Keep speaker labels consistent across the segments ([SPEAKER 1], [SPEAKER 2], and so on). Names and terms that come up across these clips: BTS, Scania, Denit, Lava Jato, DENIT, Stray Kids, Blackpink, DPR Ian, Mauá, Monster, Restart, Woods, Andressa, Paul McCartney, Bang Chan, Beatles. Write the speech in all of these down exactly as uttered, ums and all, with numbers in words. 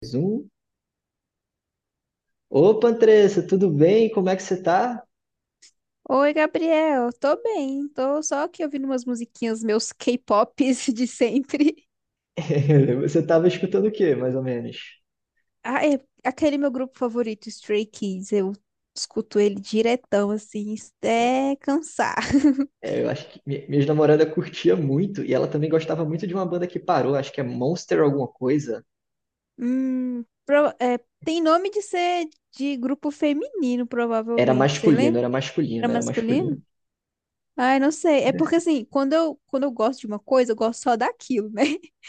[SPEAKER 1] Mais um. Opa, Andressa, tudo bem? Como é que você tá?
[SPEAKER 2] Oi, Gabriel. Tô bem. Tô só aqui ouvindo umas musiquinhas, meus K-pops de sempre.
[SPEAKER 1] Você tava escutando o quê, mais ou menos?
[SPEAKER 2] Ah, é aquele meu grupo favorito, Stray Kids. Eu escuto ele diretão, assim, até cansar.
[SPEAKER 1] É, eu acho que mi- minha namorada curtia muito e ela também gostava muito de uma banda que parou, acho que é Monster alguma coisa.
[SPEAKER 2] Hum, pro- é, tem nome de ser de grupo feminino,
[SPEAKER 1] Era
[SPEAKER 2] provavelmente. Você
[SPEAKER 1] masculino,
[SPEAKER 2] lembra?
[SPEAKER 1] era
[SPEAKER 2] Era
[SPEAKER 1] masculino, era
[SPEAKER 2] masculino?
[SPEAKER 1] masculino.
[SPEAKER 2] Ai, não sei. É porque, assim, quando eu, quando eu gosto de uma coisa, eu gosto só daquilo, né?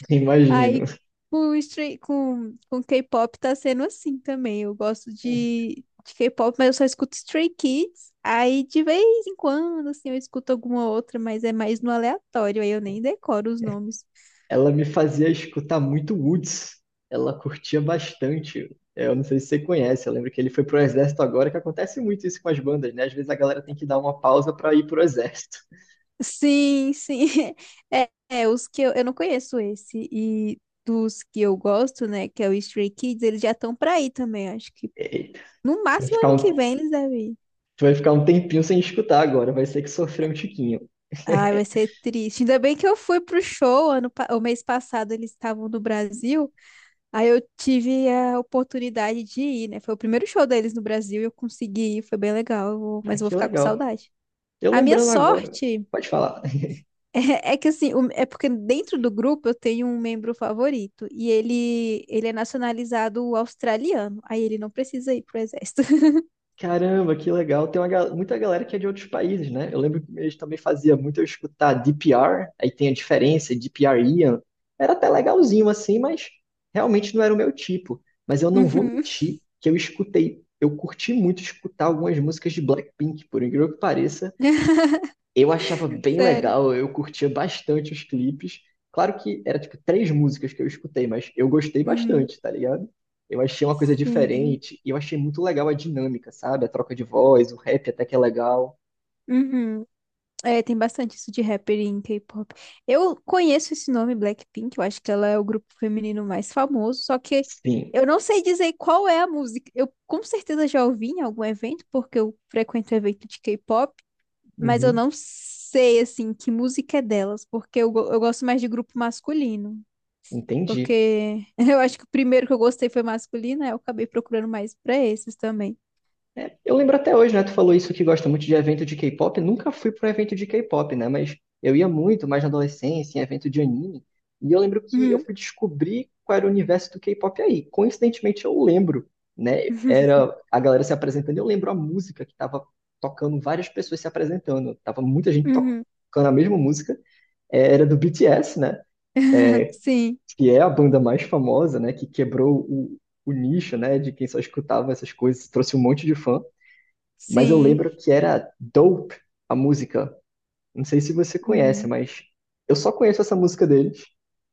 [SPEAKER 1] Imagino.
[SPEAKER 2] Aí com, stre- com, com K-pop tá sendo assim também. Eu gosto de, de K-pop, mas eu só escuto Stray Kids. Aí de vez em quando, assim, eu escuto alguma outra, mas é mais no aleatório. Aí eu nem decoro os nomes.
[SPEAKER 1] Ela me fazia escutar muito Woods. Ela curtia bastante. É, eu não sei se você conhece, eu lembro que ele foi pro exército agora, que acontece muito isso com as bandas, né? Às vezes a galera tem que dar uma pausa pra ir pro exército.
[SPEAKER 2] Sim, sim. É, é, os que eu, eu não conheço esse. E dos que eu gosto, né, que é o Stray Kids, eles já estão pra aí também. Acho que
[SPEAKER 1] Eita,
[SPEAKER 2] no
[SPEAKER 1] pra
[SPEAKER 2] máximo
[SPEAKER 1] ficar
[SPEAKER 2] ano que
[SPEAKER 1] um
[SPEAKER 2] vem eles devem ir.
[SPEAKER 1] tu vai ficar um tempinho sem escutar agora, vai ter que sofrer um tiquinho.
[SPEAKER 2] Ai, vai ser triste. Ainda bem que eu fui pro show ano, pa- o mês passado, eles estavam no Brasil. Aí eu tive a oportunidade de ir, né? Foi o primeiro show deles no Brasil e eu consegui ir, foi bem legal, eu vou-
[SPEAKER 1] Ah,
[SPEAKER 2] mas eu vou
[SPEAKER 1] que
[SPEAKER 2] ficar com
[SPEAKER 1] legal.
[SPEAKER 2] saudade.
[SPEAKER 1] Eu
[SPEAKER 2] A minha
[SPEAKER 1] lembrando agora,
[SPEAKER 2] sorte
[SPEAKER 1] pode falar.
[SPEAKER 2] é, é que assim, o- é porque dentro do grupo eu tenho um membro favorito e ele, ele é nacionalizado australiano. Aí ele não precisa ir pro exército.
[SPEAKER 1] Caramba, que legal. Tem uma, gal- muita galera que é de outros países, né? Eu lembro que eles também fazia muito eu escutar D P R, aí tem a diferença, D P R Ian. Era até legalzinho assim, mas realmente não era o meu tipo. Mas eu não vou
[SPEAKER 2] Uhum.
[SPEAKER 1] mentir que eu escutei, eu curti muito escutar algumas músicas de Blackpink, por incrível que pareça. Eu achava bem
[SPEAKER 2] Sério.
[SPEAKER 1] legal, eu curtia bastante os clipes. Claro que era tipo três músicas que eu escutei, mas eu gostei
[SPEAKER 2] Uhum.
[SPEAKER 1] bastante, tá ligado? Eu achei uma coisa
[SPEAKER 2] Sim.
[SPEAKER 1] diferente e eu achei muito legal a dinâmica, sabe? A troca de voz, o rap até que é legal.
[SPEAKER 2] Uhum. É, tem bastante isso de rapper em K-pop. Eu conheço esse nome, Blackpink, eu acho que ela é o grupo feminino mais famoso, só que
[SPEAKER 1] Sim,
[SPEAKER 2] eu não sei dizer qual é a música. Eu com certeza já ouvi em algum evento, porque eu frequento evento de K-pop, mas eu
[SPEAKER 1] uhum,
[SPEAKER 2] não sei, assim, que música é delas, porque eu, go- eu gosto mais de grupo masculino.
[SPEAKER 1] entendi.
[SPEAKER 2] Porque eu acho que o primeiro que eu gostei foi masculino, aí eu acabei procurando mais pra esses também.
[SPEAKER 1] É, eu lembro até hoje, né? Tu falou isso que gosta muito de evento de K-pop. Nunca fui para evento de K-pop, né? Mas eu ia muito mais na adolescência, em evento de anime. E eu lembro que eu
[SPEAKER 2] Uhum.
[SPEAKER 1] fui descobrir qual era o universo do K-pop aí. Coincidentemente, eu lembro, né? Era a galera se apresentando. Eu lembro a música que tava tocando, várias pessoas se apresentando. Tava muita gente
[SPEAKER 2] Uhum.
[SPEAKER 1] tocando a mesma música. É, era do B T S, né?
[SPEAKER 2] Sim,
[SPEAKER 1] Que é a banda mais famosa, né? Que quebrou o, o nicho, né? De quem só escutava essas coisas, trouxe um monte de fã, mas eu
[SPEAKER 2] sim.
[SPEAKER 1] lembro que era Dope a música. Não sei se você conhece,
[SPEAKER 2] Hum.
[SPEAKER 1] mas eu só conheço essa música deles.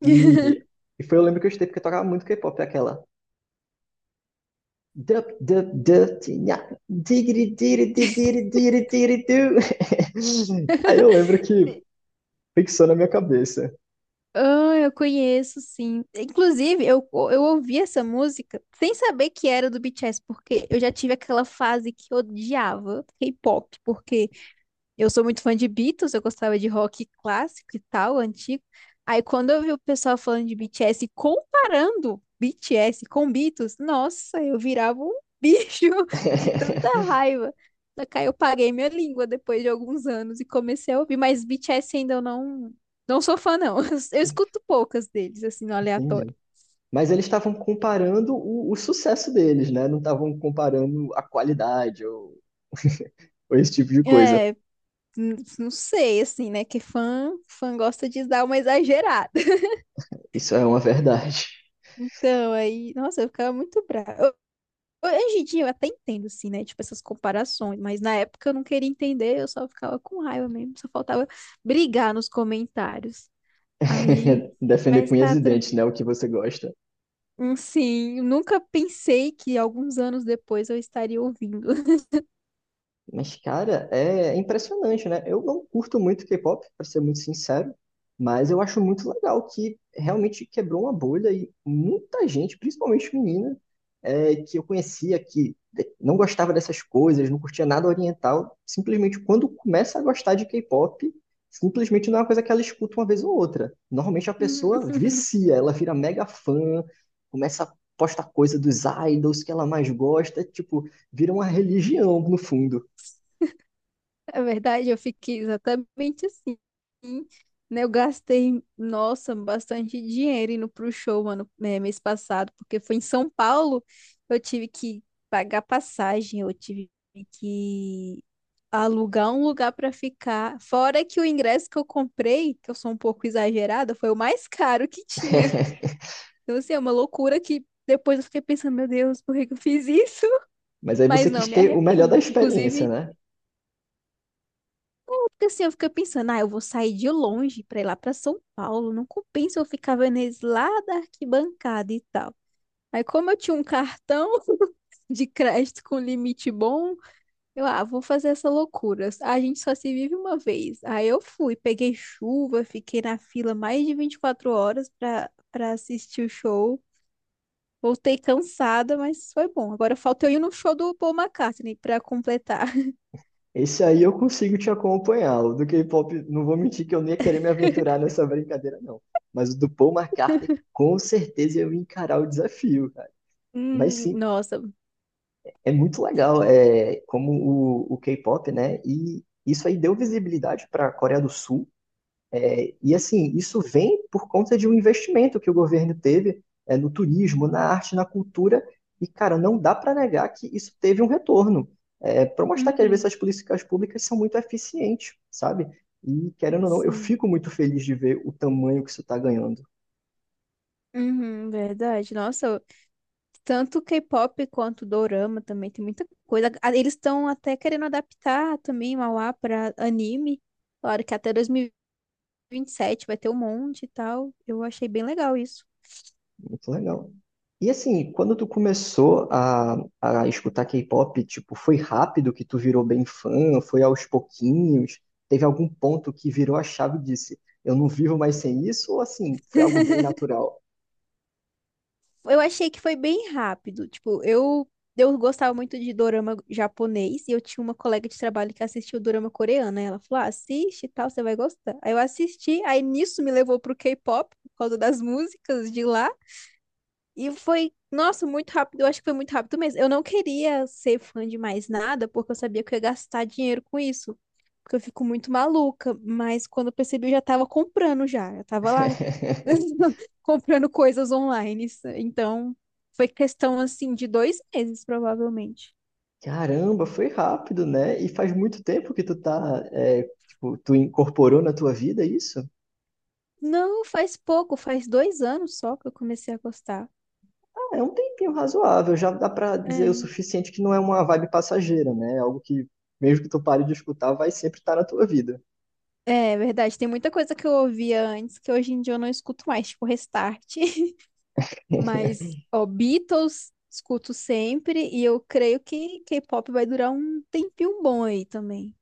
[SPEAKER 1] E, e foi, eu lembro que eu escutei porque eu tocava muito K-pop, é aquela. Dup, dup, dup, tinha, digiri, diri, di, diri, diri, diri, du. Aí eu lembro que fixou na minha cabeça.
[SPEAKER 2] Ah, eu conheço, sim. Inclusive, eu, eu ouvi essa música sem saber que era do B T S, porque eu já tive aquela fase que eu odiava K-pop, porque eu sou muito fã de Beatles, eu gostava de rock clássico e tal, antigo. Aí quando eu vi o pessoal falando de B T S, e comparando B T S com Beatles, nossa, eu virava um bicho de tanta raiva. Daí eu paguei minha língua depois de alguns anos e comecei a ouvir, mas B T S ainda eu não, não sou fã, não. Eu escuto poucas deles, assim, no aleatório.
[SPEAKER 1] Entendi. Mas eles estavam comparando o, o sucesso deles, né? Não estavam comparando a qualidade ou, ou esse tipo de coisa.
[SPEAKER 2] É, n- não sei, assim, né? Que fã, fã gosta de dar uma exagerada.
[SPEAKER 1] Isso é uma verdade.
[SPEAKER 2] Então, aí, nossa, eu ficava muito brava. Hoje em dia eu até entendo, assim, né? Tipo, essas comparações, mas na época eu não queria entender, eu só ficava com raiva mesmo, só faltava brigar nos comentários. Aí,
[SPEAKER 1] Defender
[SPEAKER 2] mas
[SPEAKER 1] com unhas
[SPEAKER 2] tá,
[SPEAKER 1] e
[SPEAKER 2] tran-
[SPEAKER 1] dentes, né? O que você gosta.
[SPEAKER 2] hum, sim, eu nunca pensei que alguns anos depois eu estaria ouvindo.
[SPEAKER 1] Mas, cara, é impressionante, né? Eu não curto muito K-pop, pra ser muito sincero, mas eu acho muito legal que realmente quebrou uma bolha e muita gente, principalmente menina, é, que eu conhecia, que não gostava dessas coisas, não curtia nada oriental, simplesmente quando começa a gostar de K-pop, simplesmente não é uma coisa que ela escuta uma vez ou outra. Normalmente a
[SPEAKER 2] Uhum.
[SPEAKER 1] pessoa vicia, ela vira mega fã, começa a postar coisa dos idols que ela mais gosta, tipo, vira uma religião no fundo.
[SPEAKER 2] Na verdade, eu fiquei exatamente assim, né? Eu gastei, nossa, bastante dinheiro indo pro show, mano, é, mês passado, porque foi em São Paulo, eu tive que pagar passagem, eu tive que alugar um lugar para ficar. Fora que o ingresso que eu comprei, que eu sou um pouco exagerada, foi o mais caro que tinha. Então, assim, é uma loucura que depois eu fiquei pensando, meu Deus, por que que eu fiz isso?
[SPEAKER 1] Mas aí
[SPEAKER 2] Mas
[SPEAKER 1] você
[SPEAKER 2] não
[SPEAKER 1] quis
[SPEAKER 2] me
[SPEAKER 1] ter o melhor da
[SPEAKER 2] arrependo.
[SPEAKER 1] experiência,
[SPEAKER 2] Inclusive,
[SPEAKER 1] né?
[SPEAKER 2] porque assim, eu fiquei pensando, ah, eu vou sair de longe para ir lá para São Paulo, não compensa eu ficar vendo eles lá da arquibancada e tal. Aí, como eu tinha um cartão de crédito com limite bom, Eu, ah, vou fazer essa loucura. A gente só se vive uma vez. Aí eu fui, peguei chuva, fiquei na fila mais de vinte e quatro horas pra, pra assistir o show. Voltei cansada, mas foi bom. Agora falta eu ir no show do Paul McCartney pra completar.
[SPEAKER 1] Esse aí eu consigo te acompanhar. O do K-pop, não vou mentir que eu nem ia querer me aventurar nessa brincadeira, não. Mas o do Paul McCartney, com certeza eu ia encarar o desafio, cara. Mas
[SPEAKER 2] Hum,
[SPEAKER 1] sim,
[SPEAKER 2] nossa.
[SPEAKER 1] é muito legal, é como o, o K-pop, né? E isso aí deu visibilidade para a Coreia do Sul. É, e assim, isso vem por conta de um investimento que o governo teve é, no turismo, na arte, na cultura, e cara, não dá para negar que isso teve um retorno. É, para mostrar que às vezes
[SPEAKER 2] Uhum,
[SPEAKER 1] as políticas públicas são muito eficientes, sabe? E querendo ou não, eu
[SPEAKER 2] sim.
[SPEAKER 1] fico muito feliz de ver o tamanho que isso está ganhando.
[SPEAKER 2] Uhum, verdade. Nossa, tanto K-pop quanto dorama também tem muita coisa. Ah, Eles estão até querendo adaptar também Mauá para anime. Claro que até dois mil e vinte e sete vai ter um monte e tal. Eu achei bem legal isso.
[SPEAKER 1] Muito legal. E assim, quando tu começou a, a escutar K-pop, tipo, foi rápido que tu virou bem fã? Foi aos pouquinhos? Teve algum ponto que virou a chave e disse, eu não vivo mais sem isso? Ou assim, foi algo bem natural?
[SPEAKER 2] Eu achei que foi bem rápido. Tipo, eu, eu gostava muito de dorama japonês e eu tinha uma colega de trabalho que assistia o dorama coreano. Aí ela falou: ah, assiste e tal, você vai gostar. Aí eu assisti, aí nisso me levou pro K-pop, por causa das músicas de lá. E foi, nossa, muito rápido. Eu acho que foi muito rápido mesmo. Eu não queria ser fã de mais nada, porque eu sabia que eu ia gastar dinheiro com isso. Porque eu fico muito maluca. Mas quando eu percebi, eu já tava comprando já. Eu tava lá comprando coisas online. Então, foi questão assim de dois meses, provavelmente.
[SPEAKER 1] Caramba, foi rápido, né? E faz muito tempo que tu tá, é, tipo, tu incorporou na tua vida isso?
[SPEAKER 2] Não, faz pouco, faz dois anos só que eu comecei a gostar.
[SPEAKER 1] Ah, é um tempinho razoável, já dá pra dizer o
[SPEAKER 2] É.
[SPEAKER 1] suficiente que não é uma vibe passageira, né? É algo que, mesmo que tu pare de escutar, vai sempre estar na tua vida.
[SPEAKER 2] É verdade, tem muita coisa que eu ouvia antes que hoje em dia eu não escuto mais, tipo Restart. Mas, ó, Beatles escuto sempre e eu creio que K-pop vai durar um tempinho bom aí também.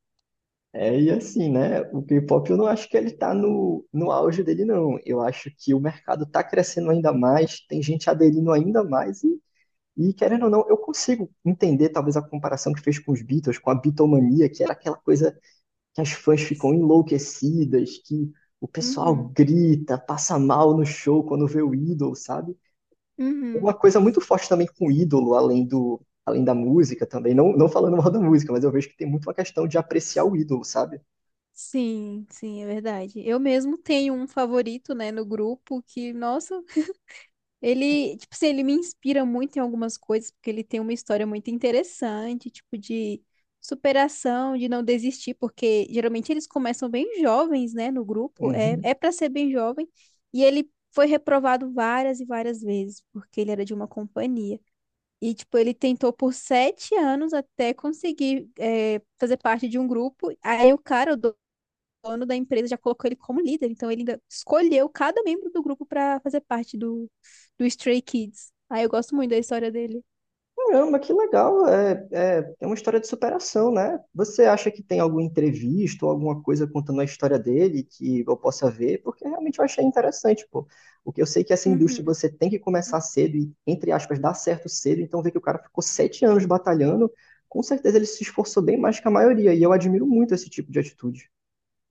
[SPEAKER 1] É, e assim, né? O K-pop eu não acho que ele tá no, no auge dele, não. Eu acho que o mercado tá crescendo ainda mais, tem gente aderindo ainda mais, e, e querendo ou não, eu consigo entender talvez a comparação que fez com os Beatles, com a Beatlemania, que era aquela coisa que as fãs ficam enlouquecidas, que o pessoal
[SPEAKER 2] Uhum,
[SPEAKER 1] grita, passa mal no show quando vê o ídolo, sabe? É
[SPEAKER 2] uhum.
[SPEAKER 1] uma coisa muito forte também com o ídolo, além do. Além da música também, não, não falando mal da música, mas eu vejo que tem muito uma questão de apreciar o ídolo, sabe?
[SPEAKER 2] Sim, sim, é verdade. Eu mesmo tenho um favorito, né, no grupo que, nossa, Ele, tipo assim, ele me inspira muito em algumas coisas, porque ele tem uma história muito interessante, tipo, de superação, de não desistir, porque geralmente eles começam bem jovens, né, no grupo, é,
[SPEAKER 1] Uhum.
[SPEAKER 2] é para ser bem jovem, e ele foi reprovado várias e várias vezes, porque ele era de uma companhia. E, tipo, ele tentou por sete anos até conseguir, é, fazer parte de um grupo, aí o cara, o dono da empresa já colocou ele como líder, então ele ainda escolheu cada membro do grupo pra fazer parte do, do, Stray Kids. Ah, eu gosto muito da história dele.
[SPEAKER 1] Caramba, que legal. É, é, é uma história de superação, né? Você acha que tem alguma entrevista ou alguma coisa contando a história dele que eu possa ver? Porque realmente eu achei interessante, pô. Porque eu sei que essa indústria
[SPEAKER 2] Uhum.
[SPEAKER 1] você tem que começar cedo e, entre aspas, dar certo cedo. Então, ver que o cara ficou sete anos batalhando, com certeza ele se esforçou bem mais que a maioria. E eu admiro muito esse tipo de atitude.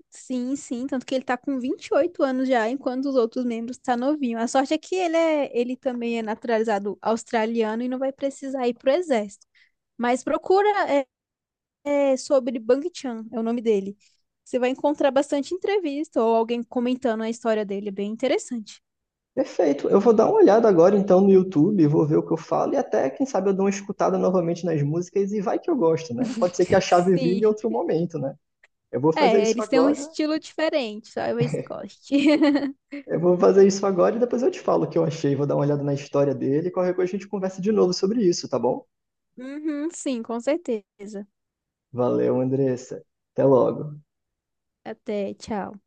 [SPEAKER 2] Sim, sim, tanto que ele tá com vinte e oito anos já, enquanto os outros membros tá novinho. A sorte é que ele é, ele também é naturalizado australiano e não vai precisar ir pro exército. Mas procura é, é, sobre Bang Chan, é o nome dele. Você vai encontrar bastante entrevista ou alguém comentando a história dele, é bem interessante.
[SPEAKER 1] Perfeito. Eu vou dar uma olhada agora então no YouTube, vou ver o que eu falo e até, quem sabe, eu dou uma escutada novamente nas músicas e vai que eu gosto, né? Pode ser que a chave vire
[SPEAKER 2] Sim.
[SPEAKER 1] em outro momento, né? Eu vou fazer
[SPEAKER 2] É,
[SPEAKER 1] isso
[SPEAKER 2] eles têm um
[SPEAKER 1] agora,
[SPEAKER 2] estilo diferente, talvez você goste.
[SPEAKER 1] eu vou fazer isso agora e depois eu te falo o que eu achei, vou dar uma olhada na história dele e qualquer coisa a gente conversa de novo sobre isso, tá bom?
[SPEAKER 2] Uhum, sim, com certeza.
[SPEAKER 1] Valeu, Andressa. Até logo.
[SPEAKER 2] Até, tchau.